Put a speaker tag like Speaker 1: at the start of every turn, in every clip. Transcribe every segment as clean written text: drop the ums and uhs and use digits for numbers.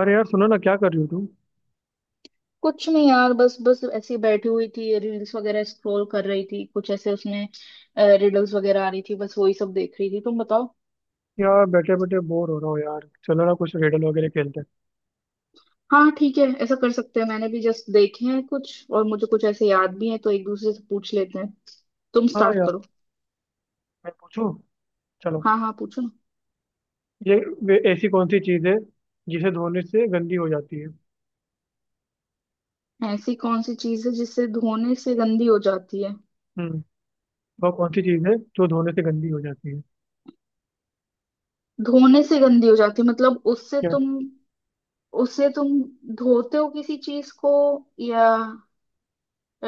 Speaker 1: अरे यार सुनो ना, क्या कर रही हो तुम?
Speaker 2: कुछ नहीं यार, बस बस ऐसी बैठी हुई थी। रील्स वगैरह स्क्रॉल कर रही थी, कुछ ऐसे उसमें रिडल्स वगैरह आ रही थी, बस वही सब देख रही थी। तुम बताओ।
Speaker 1: यार बैठे बैठे बोर हो रहा हूँ यार, चलो ना कुछ रिडल वगैरह खेलते हैं।
Speaker 2: हाँ ठीक है, ऐसा कर सकते हैं। मैंने भी जस्ट देखे हैं कुछ, और मुझे कुछ ऐसे याद भी है, तो एक दूसरे से पूछ लेते हैं। तुम
Speaker 1: हाँ
Speaker 2: स्टार्ट
Speaker 1: यार,
Speaker 2: करो।
Speaker 1: मैं पूछूं, चलो।
Speaker 2: हाँ हाँ, पूछो।
Speaker 1: ये वे ऐसी कौन सी चीज़ है जिसे धोने से गंदी हो जाती है?
Speaker 2: ना, ऐसी कौन सी चीज है जिससे धोने से गंदी हो जाती है?
Speaker 1: हम्म वो कौन सी चीज़ है जो धोने से गंदी हो जाती है?
Speaker 2: धोने से गंदी हो जाती है मतलब उससे
Speaker 1: क्या?
Speaker 2: तुम, उससे तुम धोते हो किसी चीज को, या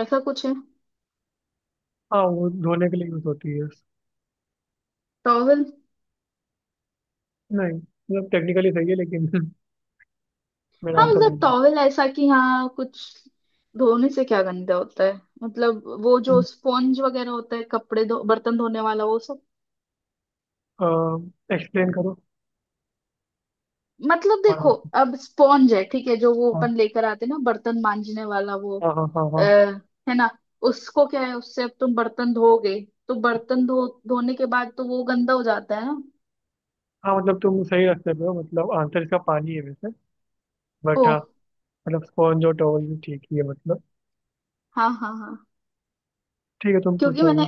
Speaker 2: ऐसा कुछ है?
Speaker 1: हाँ, वो धोने के लिए यूज होती है।
Speaker 2: टॉवल।
Speaker 1: नहीं, मतलब टेक्निकली सही है लेकिन मेरा
Speaker 2: हाँ
Speaker 1: आंसर
Speaker 2: मतलब
Speaker 1: नहीं है।
Speaker 2: टॉवेल ऐसा कि हाँ कुछ धोने से क्या गंदा होता है। मतलब वो जो स्पॉन्ज वगैरह होता है, कपड़े धो, बर्तन धोने वाला वो सब।
Speaker 1: एक्सप्लेन करो।
Speaker 2: मतलब देखो,
Speaker 1: हाँ,
Speaker 2: अब स्पॉन्ज है ठीक है जो, वो
Speaker 1: हाँ,
Speaker 2: अपन लेकर आते हैं ना, बर्तन मांजने वाला वो।
Speaker 1: हाँ, हाँ। हाँ,
Speaker 2: आ,
Speaker 1: हाँ,
Speaker 2: है ना। उसको क्या है, उससे अब तुम बर्तन धोगे, तो बर्तन धो धोने के बाद तो वो गंदा हो जाता है ना।
Speaker 1: हाँ, मतलब तुम सही रास्ते पे हो, मतलब आंसर इसका पानी है वैसे,
Speaker 2: ओ।
Speaker 1: बट हाँ। मतलब स्पॉन्ज और टॉवल भी ठीक ही है मतलब।
Speaker 2: हाँ हाँ हाँ।
Speaker 1: ठीक है, तुम
Speaker 2: क्योंकि
Speaker 1: पूछो
Speaker 2: मैंने
Speaker 1: अभी।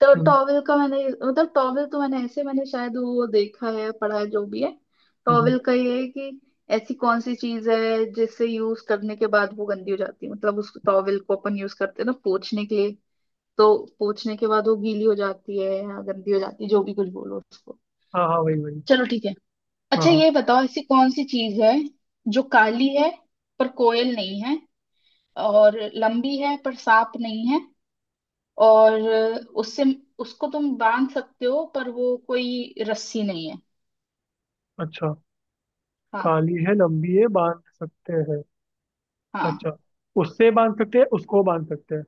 Speaker 2: तो
Speaker 1: हम्म।
Speaker 2: टॉवेल का मैंने मतलब टॉवेल तो मैंने शायद वो देखा है, पढ़ा है, जो भी है।
Speaker 1: हम्म।
Speaker 2: टॉवेल का ये है कि ऐसी कौन सी चीज है जिससे यूज करने के बाद वो गंदी हो जाती है? मतलब उस टॉवेल को अपन यूज करते हैं ना पोंछने के लिए, तो पोंछने के बाद वो गीली हो जाती है या गंदी हो जाती है, जो भी कुछ बोलो उसको।
Speaker 1: हाँ हाँ, वही वही।
Speaker 2: चलो ठीक है।
Speaker 1: हाँ
Speaker 2: अच्छा
Speaker 1: हाँ,
Speaker 2: ये बताओ, ऐसी कौन सी चीज है जो काली है पर कोयल नहीं है, और लंबी है पर सांप नहीं है, और उससे, उसको तुम बांध सकते हो पर वो कोई रस्सी नहीं है।
Speaker 1: अच्छा।
Speaker 2: हाँ।
Speaker 1: काली है, लंबी है, बांध सकते हैं?
Speaker 2: हाँ।
Speaker 1: अच्छा, उससे बांध सकते हैं, उसको बांध सकते हैं?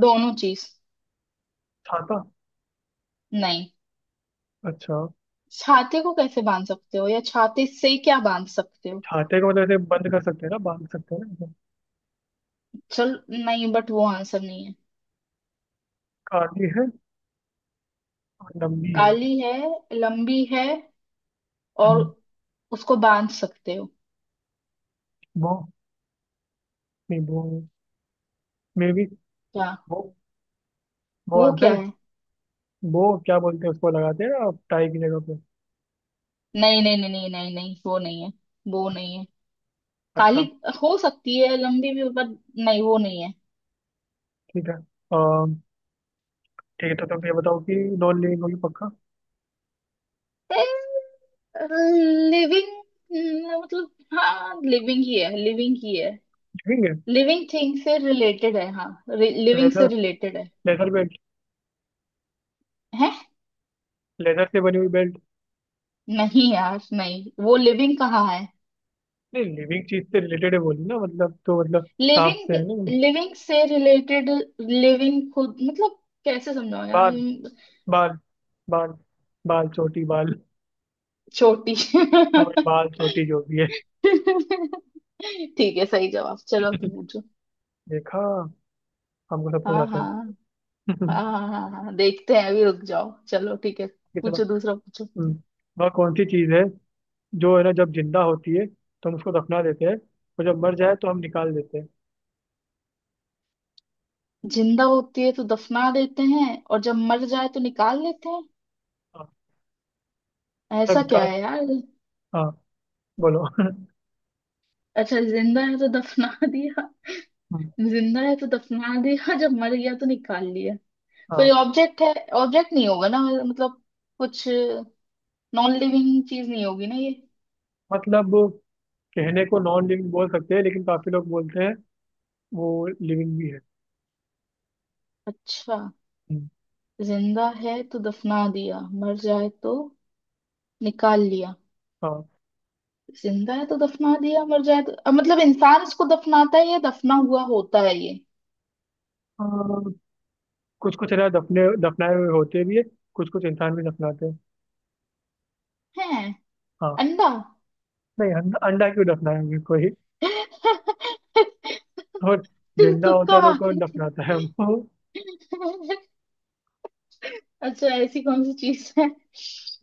Speaker 2: दोनों चीज।
Speaker 1: छाता?
Speaker 2: नहीं।
Speaker 1: अच्छा,
Speaker 2: छाते को कैसे बांध सकते हो, या छाते से क्या बांध सकते हो?
Speaker 1: छाते को मतलब ऐसे बंद कर सकते हैं ना, बांध सकते हैं ना ऐसे।
Speaker 2: चल नहीं, बट वो आंसर नहीं है।
Speaker 1: काली है और लंबी है।
Speaker 2: काली है, लंबी है, और
Speaker 1: हम्म,
Speaker 2: उसको बांध सकते हो।
Speaker 1: वो नहीं वो मे भी
Speaker 2: क्या?
Speaker 1: वो वो
Speaker 2: वो
Speaker 1: आंसर
Speaker 2: क्या
Speaker 1: है।
Speaker 2: है?
Speaker 1: वो क्या बोलते हैं, उसको लगाते हैं ना टाई की जगह पे।
Speaker 2: नहीं नहीं नहीं नहीं नहीं नहीं, वो नहीं है। वो नहीं है। काली
Speaker 1: अच्छा,
Speaker 2: हो सकती है, लंबी भी, बट नहीं, वो नहीं है।
Speaker 1: ठीक है। अम, ठीक है तो तुम ये बताओ कि नॉन लिविंग होगी पक्का?
Speaker 2: लिविंग मतलब, हाँ लिविंग ही है, लिविंग ही है।
Speaker 1: लिविंग है?
Speaker 2: लिविंग थिंग से रिलेटेड है, हाँ। लिविंग से
Speaker 1: लेदर?
Speaker 2: रिलेटेड है।
Speaker 1: लेदर भी
Speaker 2: है।
Speaker 1: लेदर से बनी हुई बेल्ट?
Speaker 2: नहीं यार, नहीं वो लिविंग कहाँ है।
Speaker 1: नहीं, लिविंग चीज से रिलेटेड है बोली ना, मतलब तो मतलब सांप
Speaker 2: लिविंग
Speaker 1: से है ना?
Speaker 2: लिविंग से रिलेटेड। लिविंग खुद मतलब, कैसे समझाओ यार।
Speaker 1: बाल बाल बाल बाल चोटी बाल?
Speaker 2: छोटी
Speaker 1: हाँ भाई, बाल चोटी जो भी है।
Speaker 2: ठीक है, सही जवाब। चलो तुम पूछो।
Speaker 1: देखा, हमको सब कुछ
Speaker 2: हाँ
Speaker 1: आता है।
Speaker 2: हाँ हाँ हाँ। हाँ हाँ देखते हैं, अभी रुक जाओ। चलो ठीक है,
Speaker 1: कितना।
Speaker 2: पूछो। दूसरा पूछो।
Speaker 1: हम्म, वह कौन सी चीज है जो है ना जब जिंदा होती है तो हम उसको दफना देते हैं, और जब मर जाए तो हम निकाल देते हैं?
Speaker 2: जिंदा होती है तो दफना देते हैं, और जब मर जाए तो निकाल लेते हैं।
Speaker 1: हाँ, मतलब
Speaker 2: ऐसा क्या
Speaker 1: निकाल।
Speaker 2: है यार।
Speaker 1: हाँ, बोलो।
Speaker 2: अच्छा, जिंदा है तो दफना दिया।
Speaker 1: हम्म,
Speaker 2: जिंदा है तो दफना दिया, जब मर गया तो निकाल लिया।
Speaker 1: हाँ,
Speaker 2: कोई ऑब्जेक्ट है? ऑब्जेक्ट नहीं होगा ना मतलब, कुछ, नॉन लिविंग चीज नहीं होगी ना ये।
Speaker 1: मतलब कहने को नॉन लिविंग बोल सकते हैं लेकिन काफी लोग बोलते हैं वो लिविंग भी है।
Speaker 2: अच्छा।
Speaker 1: हम्म,
Speaker 2: जिंदा है तो दफना दिया, मर जाए तो निकाल लिया। जिंदा है तो दफना दिया, मर जाए तो, मतलब इंसान इसको दफनाता है, या दफना हुआ होता है ये?
Speaker 1: हाँ, कुछ कुछ अनाज दफने दफनाए हुए होते भी है, कुछ कुछ इंसान भी दफनाते हैं।
Speaker 2: है।
Speaker 1: हाँ।
Speaker 2: अंडा।
Speaker 1: नहीं, अंडा अंडा क्यों दफनाएंगे कोई?
Speaker 2: तू।
Speaker 1: और जिंदा होता
Speaker 2: तुक्का
Speaker 1: है तो
Speaker 2: मार
Speaker 1: कौन
Speaker 2: रही थी।
Speaker 1: दफनाता है वो?
Speaker 2: अच्छा, ऐसी कौन सी चीज है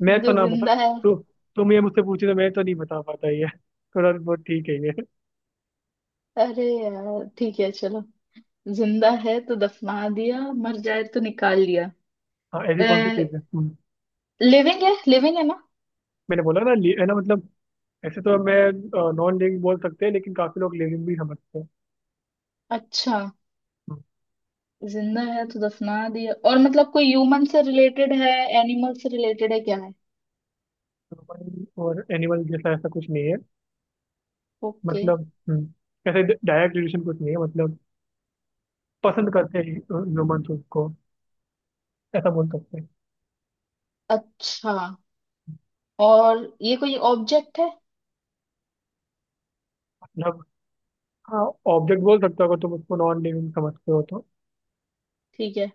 Speaker 1: मैं तो
Speaker 2: जो
Speaker 1: ना बता।
Speaker 2: जिंदा है।
Speaker 1: तु, तुम ये मुझसे पूछे तो मैं तो नहीं बता पाता ये। थोड़ा बहुत ठीक है ये।
Speaker 2: अरे यार ठीक है चलो। जिंदा है तो दफना दिया, मर जाए तो निकाल लिया।
Speaker 1: हाँ, ऐसी कौन सी चीज है?
Speaker 2: लिविंग है, लिविंग है ना।
Speaker 1: मैंने बोला ना, है ना मतलब, ऐसे तो मैं नॉन लिविंग बोल सकते हैं लेकिन काफी लोग लिविंग भी समझते हैं।
Speaker 2: अच्छा,
Speaker 1: हम्म,
Speaker 2: जिंदा है तो दफना दिया, और मतलब कोई ह्यूमन से रिलेटेड है, एनिमल से रिलेटेड है, क्या है?
Speaker 1: ह्यूमन और एनिमल जैसा ऐसा कुछ नहीं है।
Speaker 2: ओके।
Speaker 1: मतलब ऐसे डायरेक्ट रिलेशन कुछ नहीं है मतलब। पसंद करते हैं ह्यूमन उसको, ऐसा बोल सकते हैं।
Speaker 2: अच्छा, और ये कोई ऑब्जेक्ट है?
Speaker 1: मतलब हाँ, ऑब्जेक्ट बोल सकते हो अगर तुम उसको नॉन लिविंग समझते हो तो।
Speaker 2: ठीक है,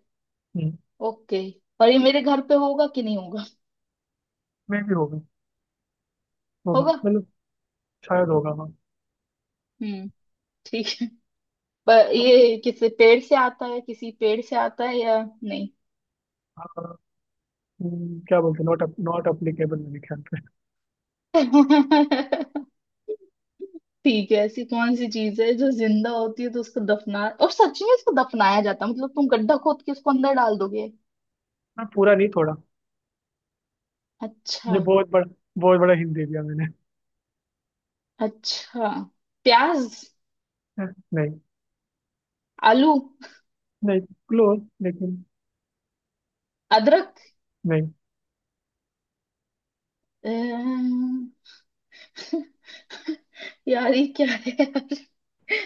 Speaker 2: ओके। और ये मेरे घर पे होगा कि नहीं होगा?
Speaker 1: मे भी होगा। होगा
Speaker 2: होगा।
Speaker 1: मतलब, शायद होगा हाँ।
Speaker 2: हम्म। ठीक है। पर ये किसी पेड़ से आता है, किसी पेड़ से आता है या नहीं?
Speaker 1: हाँ, क्या बोलते हैं, नॉट नॉट अप्लीकेबल मेरे ख्याल से।
Speaker 2: ठीक है, ऐसी कौन सी चीज है जो जिंदा होती है तो उसको दफना, और सच में उसको दफनाया जाता है मतलब तुम गड्ढा खोद के उसको अंदर डाल दोगे।
Speaker 1: मैं पूरा नहीं, थोड़ा।
Speaker 2: अच्छा।
Speaker 1: ये बहुत बड़ा हिंट दे दिया मैंने।
Speaker 2: अच्छा। प्याज।
Speaker 1: हाँ, नहीं।
Speaker 2: आलू।
Speaker 1: नहीं, क्लोज लेकिन।
Speaker 2: अदरक।
Speaker 1: नहीं
Speaker 2: अम्म, यार ये क्या है यार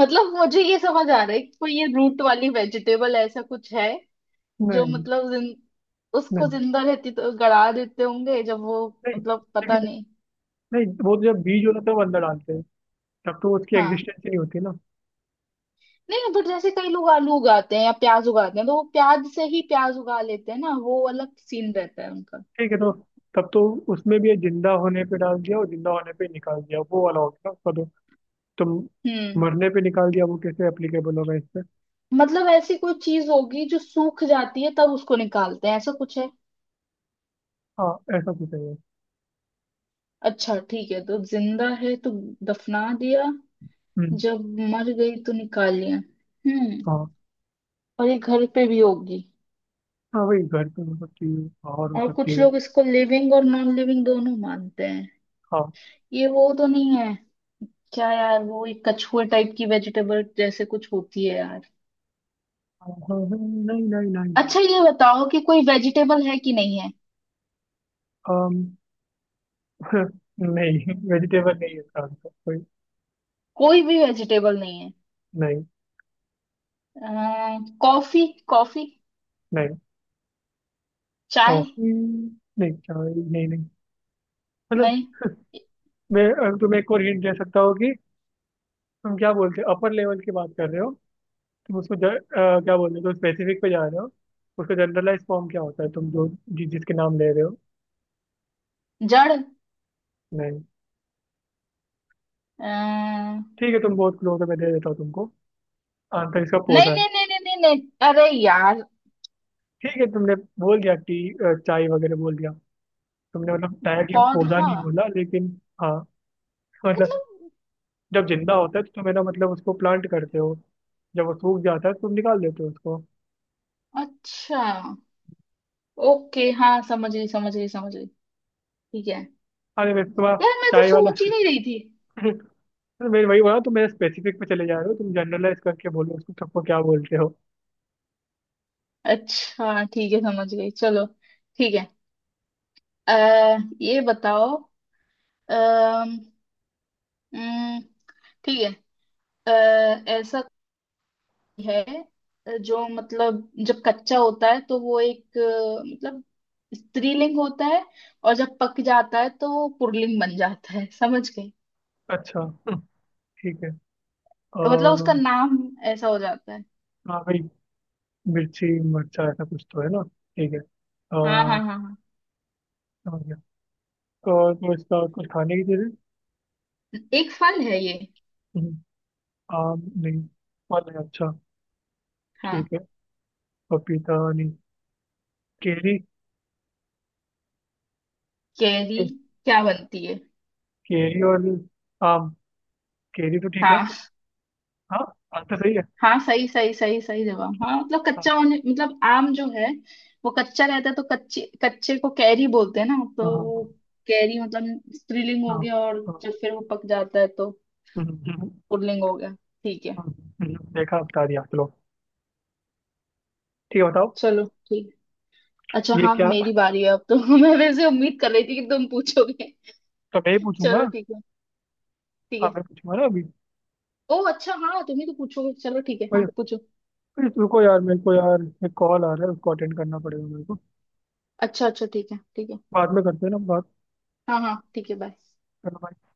Speaker 2: मतलब मुझे ये समझ आ रहा है कि कोई ये रूट वाली वेजिटेबल ऐसा कुछ है, जो
Speaker 1: नहीं
Speaker 2: मतलब जिन, उसको
Speaker 1: नहीं
Speaker 2: जिंदा रहती तो गड़ा देते होंगे, जब वो
Speaker 1: नहीं
Speaker 2: मतलब पता
Speaker 1: लेकिन
Speaker 2: नहीं।
Speaker 1: नहीं, वो तो जब बीज होता है तब अंदर डालते हैं, तब तो उसकी
Speaker 2: हाँ
Speaker 1: एग्जिस्टेंस ही नहीं होती ना।
Speaker 2: नहीं, बट जैसे कई लोग आलू उगाते हैं या प्याज उगाते हैं, तो वो प्याज से ही प्याज उगा लेते हैं ना, वो अलग सीन रहता है उनका।
Speaker 1: ठीक है, तो तब तो उसमें भी ये जिंदा होने पे डाल दिया और जिंदा होने पे निकाल दिया वो वाला हो गया उसका तो। तुम
Speaker 2: हम्म।
Speaker 1: मरने पे निकाल दिया वो कैसे एप्लीकेबल होगा इस पे?
Speaker 2: मतलब ऐसी कोई चीज होगी जो सूख जाती है तब उसको निकालते हैं, ऐसा कुछ है?
Speaker 1: हाँ, ऐसा कुछ है ये।
Speaker 2: अच्छा ठीक है, तो जिंदा है तो दफना दिया,
Speaker 1: हम्म।
Speaker 2: जब मर गई तो निकाल लिया। हम्म।
Speaker 1: हाँ,
Speaker 2: और ये घर पे भी होगी।
Speaker 1: हाँ वही घर पे हो सकती है, बाहर हो
Speaker 2: और
Speaker 1: सकती
Speaker 2: कुछ
Speaker 1: है।
Speaker 2: लोग इसको लिविंग और नॉन लिविंग दोनों मानते हैं।
Speaker 1: हाँ।
Speaker 2: ये वो तो नहीं है, क्या यार, वो एक कछुए टाइप की वेजिटेबल जैसे कुछ होती है यार।
Speaker 1: हाँ, हाँ, हाँ, नहीं नहीं, नहीं नहीं।
Speaker 2: अच्छा ये बताओ कि कोई वेजिटेबल है कि नहीं है?
Speaker 1: अम, नहीं, वेजिटेबल नहीं है इसका आंसर कोई।
Speaker 2: कोई भी वेजिटेबल नहीं है।
Speaker 1: नहीं।
Speaker 2: Coffee coffee.
Speaker 1: नहीं,
Speaker 2: चाय।
Speaker 1: कॉफी नहीं। चाय नहीं, नहीं, मतलब।
Speaker 2: नहीं।
Speaker 1: मैं अगर तुम्हें एक और हिंट दे सकता हूँ कि तुम क्या बोलते हो, अपर लेवल की बात कर रहे हो। तुम उसको क्या बोल रहे हो, तुम स्पेसिफिक पे जा रहे हो। उसका जनरलाइज फॉर्म क्या होता है तुम जो जिसके नाम ले रहे हो?
Speaker 2: जड़ अ,
Speaker 1: नहीं।
Speaker 2: नहीं।
Speaker 1: ठीक है, तुम बहुत क्लोज हो, मैं दे देता हूँ तुमको। आंसर इसका
Speaker 2: नहीं
Speaker 1: पौधा है।
Speaker 2: नहीं नहीं नहीं नहीं। अरे यार।
Speaker 1: ठीक है, तुमने बोल दिया चाय वगैरह बोल दिया, तुमने मतलब डायरेक्टली पौधा
Speaker 2: पौधा?
Speaker 1: नहीं बोला लेकिन। हाँ, मतलब
Speaker 2: मतलब।
Speaker 1: जब जिंदा होता है तो तुम है ना मतलब उसको प्लांट करते हो, जब वो सूख जाता है तो तुम निकाल देते हो उसको।
Speaker 2: अच्छा। ओके हाँ, समझ गई समझ गई समझ गई। ठीक है।
Speaker 1: अरे वैसे तुम्हारा
Speaker 2: यार मैं तो
Speaker 1: चाय वाला।
Speaker 2: सोच ही नहीं रही थी।
Speaker 1: अरे, मैं वही बोला, तुम मेरे स्पेसिफिक पे चले जा रहे हो, तुम जनरलाइज करके बोलो उसको, सबको क्या बोलते हो।
Speaker 2: अच्छा ठीक है, समझ गई, चलो। ठीक है। अ, ये बताओ, अम, उम, ठीक है। अ, ऐसा कोई है जो मतलब, जब कच्चा होता है तो वो एक, मतलब स्त्रीलिंग होता है, और जब पक जाता है तो वो पुल्लिंग बन जाता है। समझ गई?
Speaker 1: अच्छा, ठीक है।
Speaker 2: तो मतलब उसका
Speaker 1: अ,
Speaker 2: नाम ऐसा हो जाता है।
Speaker 1: हाँ भाई, मिर्ची मरचा ऐसा कुछ तो है ना। ठीक है
Speaker 2: हाँ हाँ हाँ हाँ।
Speaker 1: समझ गया। और वो इसका कुछ खाने की चीजें।
Speaker 2: एक फल है ये।
Speaker 1: हम्म, आम नहीं? फल है, अच्छा।
Speaker 2: हाँ।
Speaker 1: ठीक है, पपीता नहीं, केरी?
Speaker 2: कैरी।
Speaker 1: के-
Speaker 2: क्या बनती है?
Speaker 1: केरी और आम, केरी तो ठीक है।
Speaker 2: हाँ
Speaker 1: हाँ, बात तो सही है।
Speaker 2: हाँ, सही सही सही सही जवाब। हाँ, मतलब
Speaker 1: हाँ,
Speaker 2: कच्चा होने मतलब आम जो है, वो कच्चा रहता है तो कच्चे कच्चे को कैरी बोलते हैं ना, तो
Speaker 1: हाँ, हाँ,
Speaker 2: वो कैरी मतलब स्त्रीलिंग
Speaker 1: हाँ।
Speaker 2: हो
Speaker 1: हाँ,
Speaker 2: गया, और
Speaker 1: हाँ,
Speaker 2: जब फिर वो पक जाता है तो
Speaker 1: हम्म, हम्म, हम्म,
Speaker 2: पुल्लिंग हो गया। ठीक है।
Speaker 1: हम्म, देखा बता दिया चलो। ठीक है, बताओ।
Speaker 2: चलो ठीक। अच्छा
Speaker 1: ये
Speaker 2: हाँ
Speaker 1: क्या,
Speaker 2: मेरी बारी है अब तो मैं वैसे उम्मीद कर रही थी कि तुम पूछोगे।
Speaker 1: तो मैं ही पूछूंगा?
Speaker 2: चलो ठीक है। ठीक
Speaker 1: हाँ,
Speaker 2: है।
Speaker 1: मैं पूछूंगा ना अभी।
Speaker 2: ओ अच्छा हाँ, तुम ही तो पूछोगे। चलो ठीक है,
Speaker 1: भाई,
Speaker 2: हाँ पूछो।
Speaker 1: भाई रुको यार, मेरे को यार एक कॉल आ रहा है, उसको अटेंड करना पड़ेगा मेरे को।
Speaker 2: अच्छा अच्छा ठीक है, ठीक है।
Speaker 1: बाद में करते हैं ना।
Speaker 2: हाँ हाँ ठीक है, बाय।
Speaker 1: बात।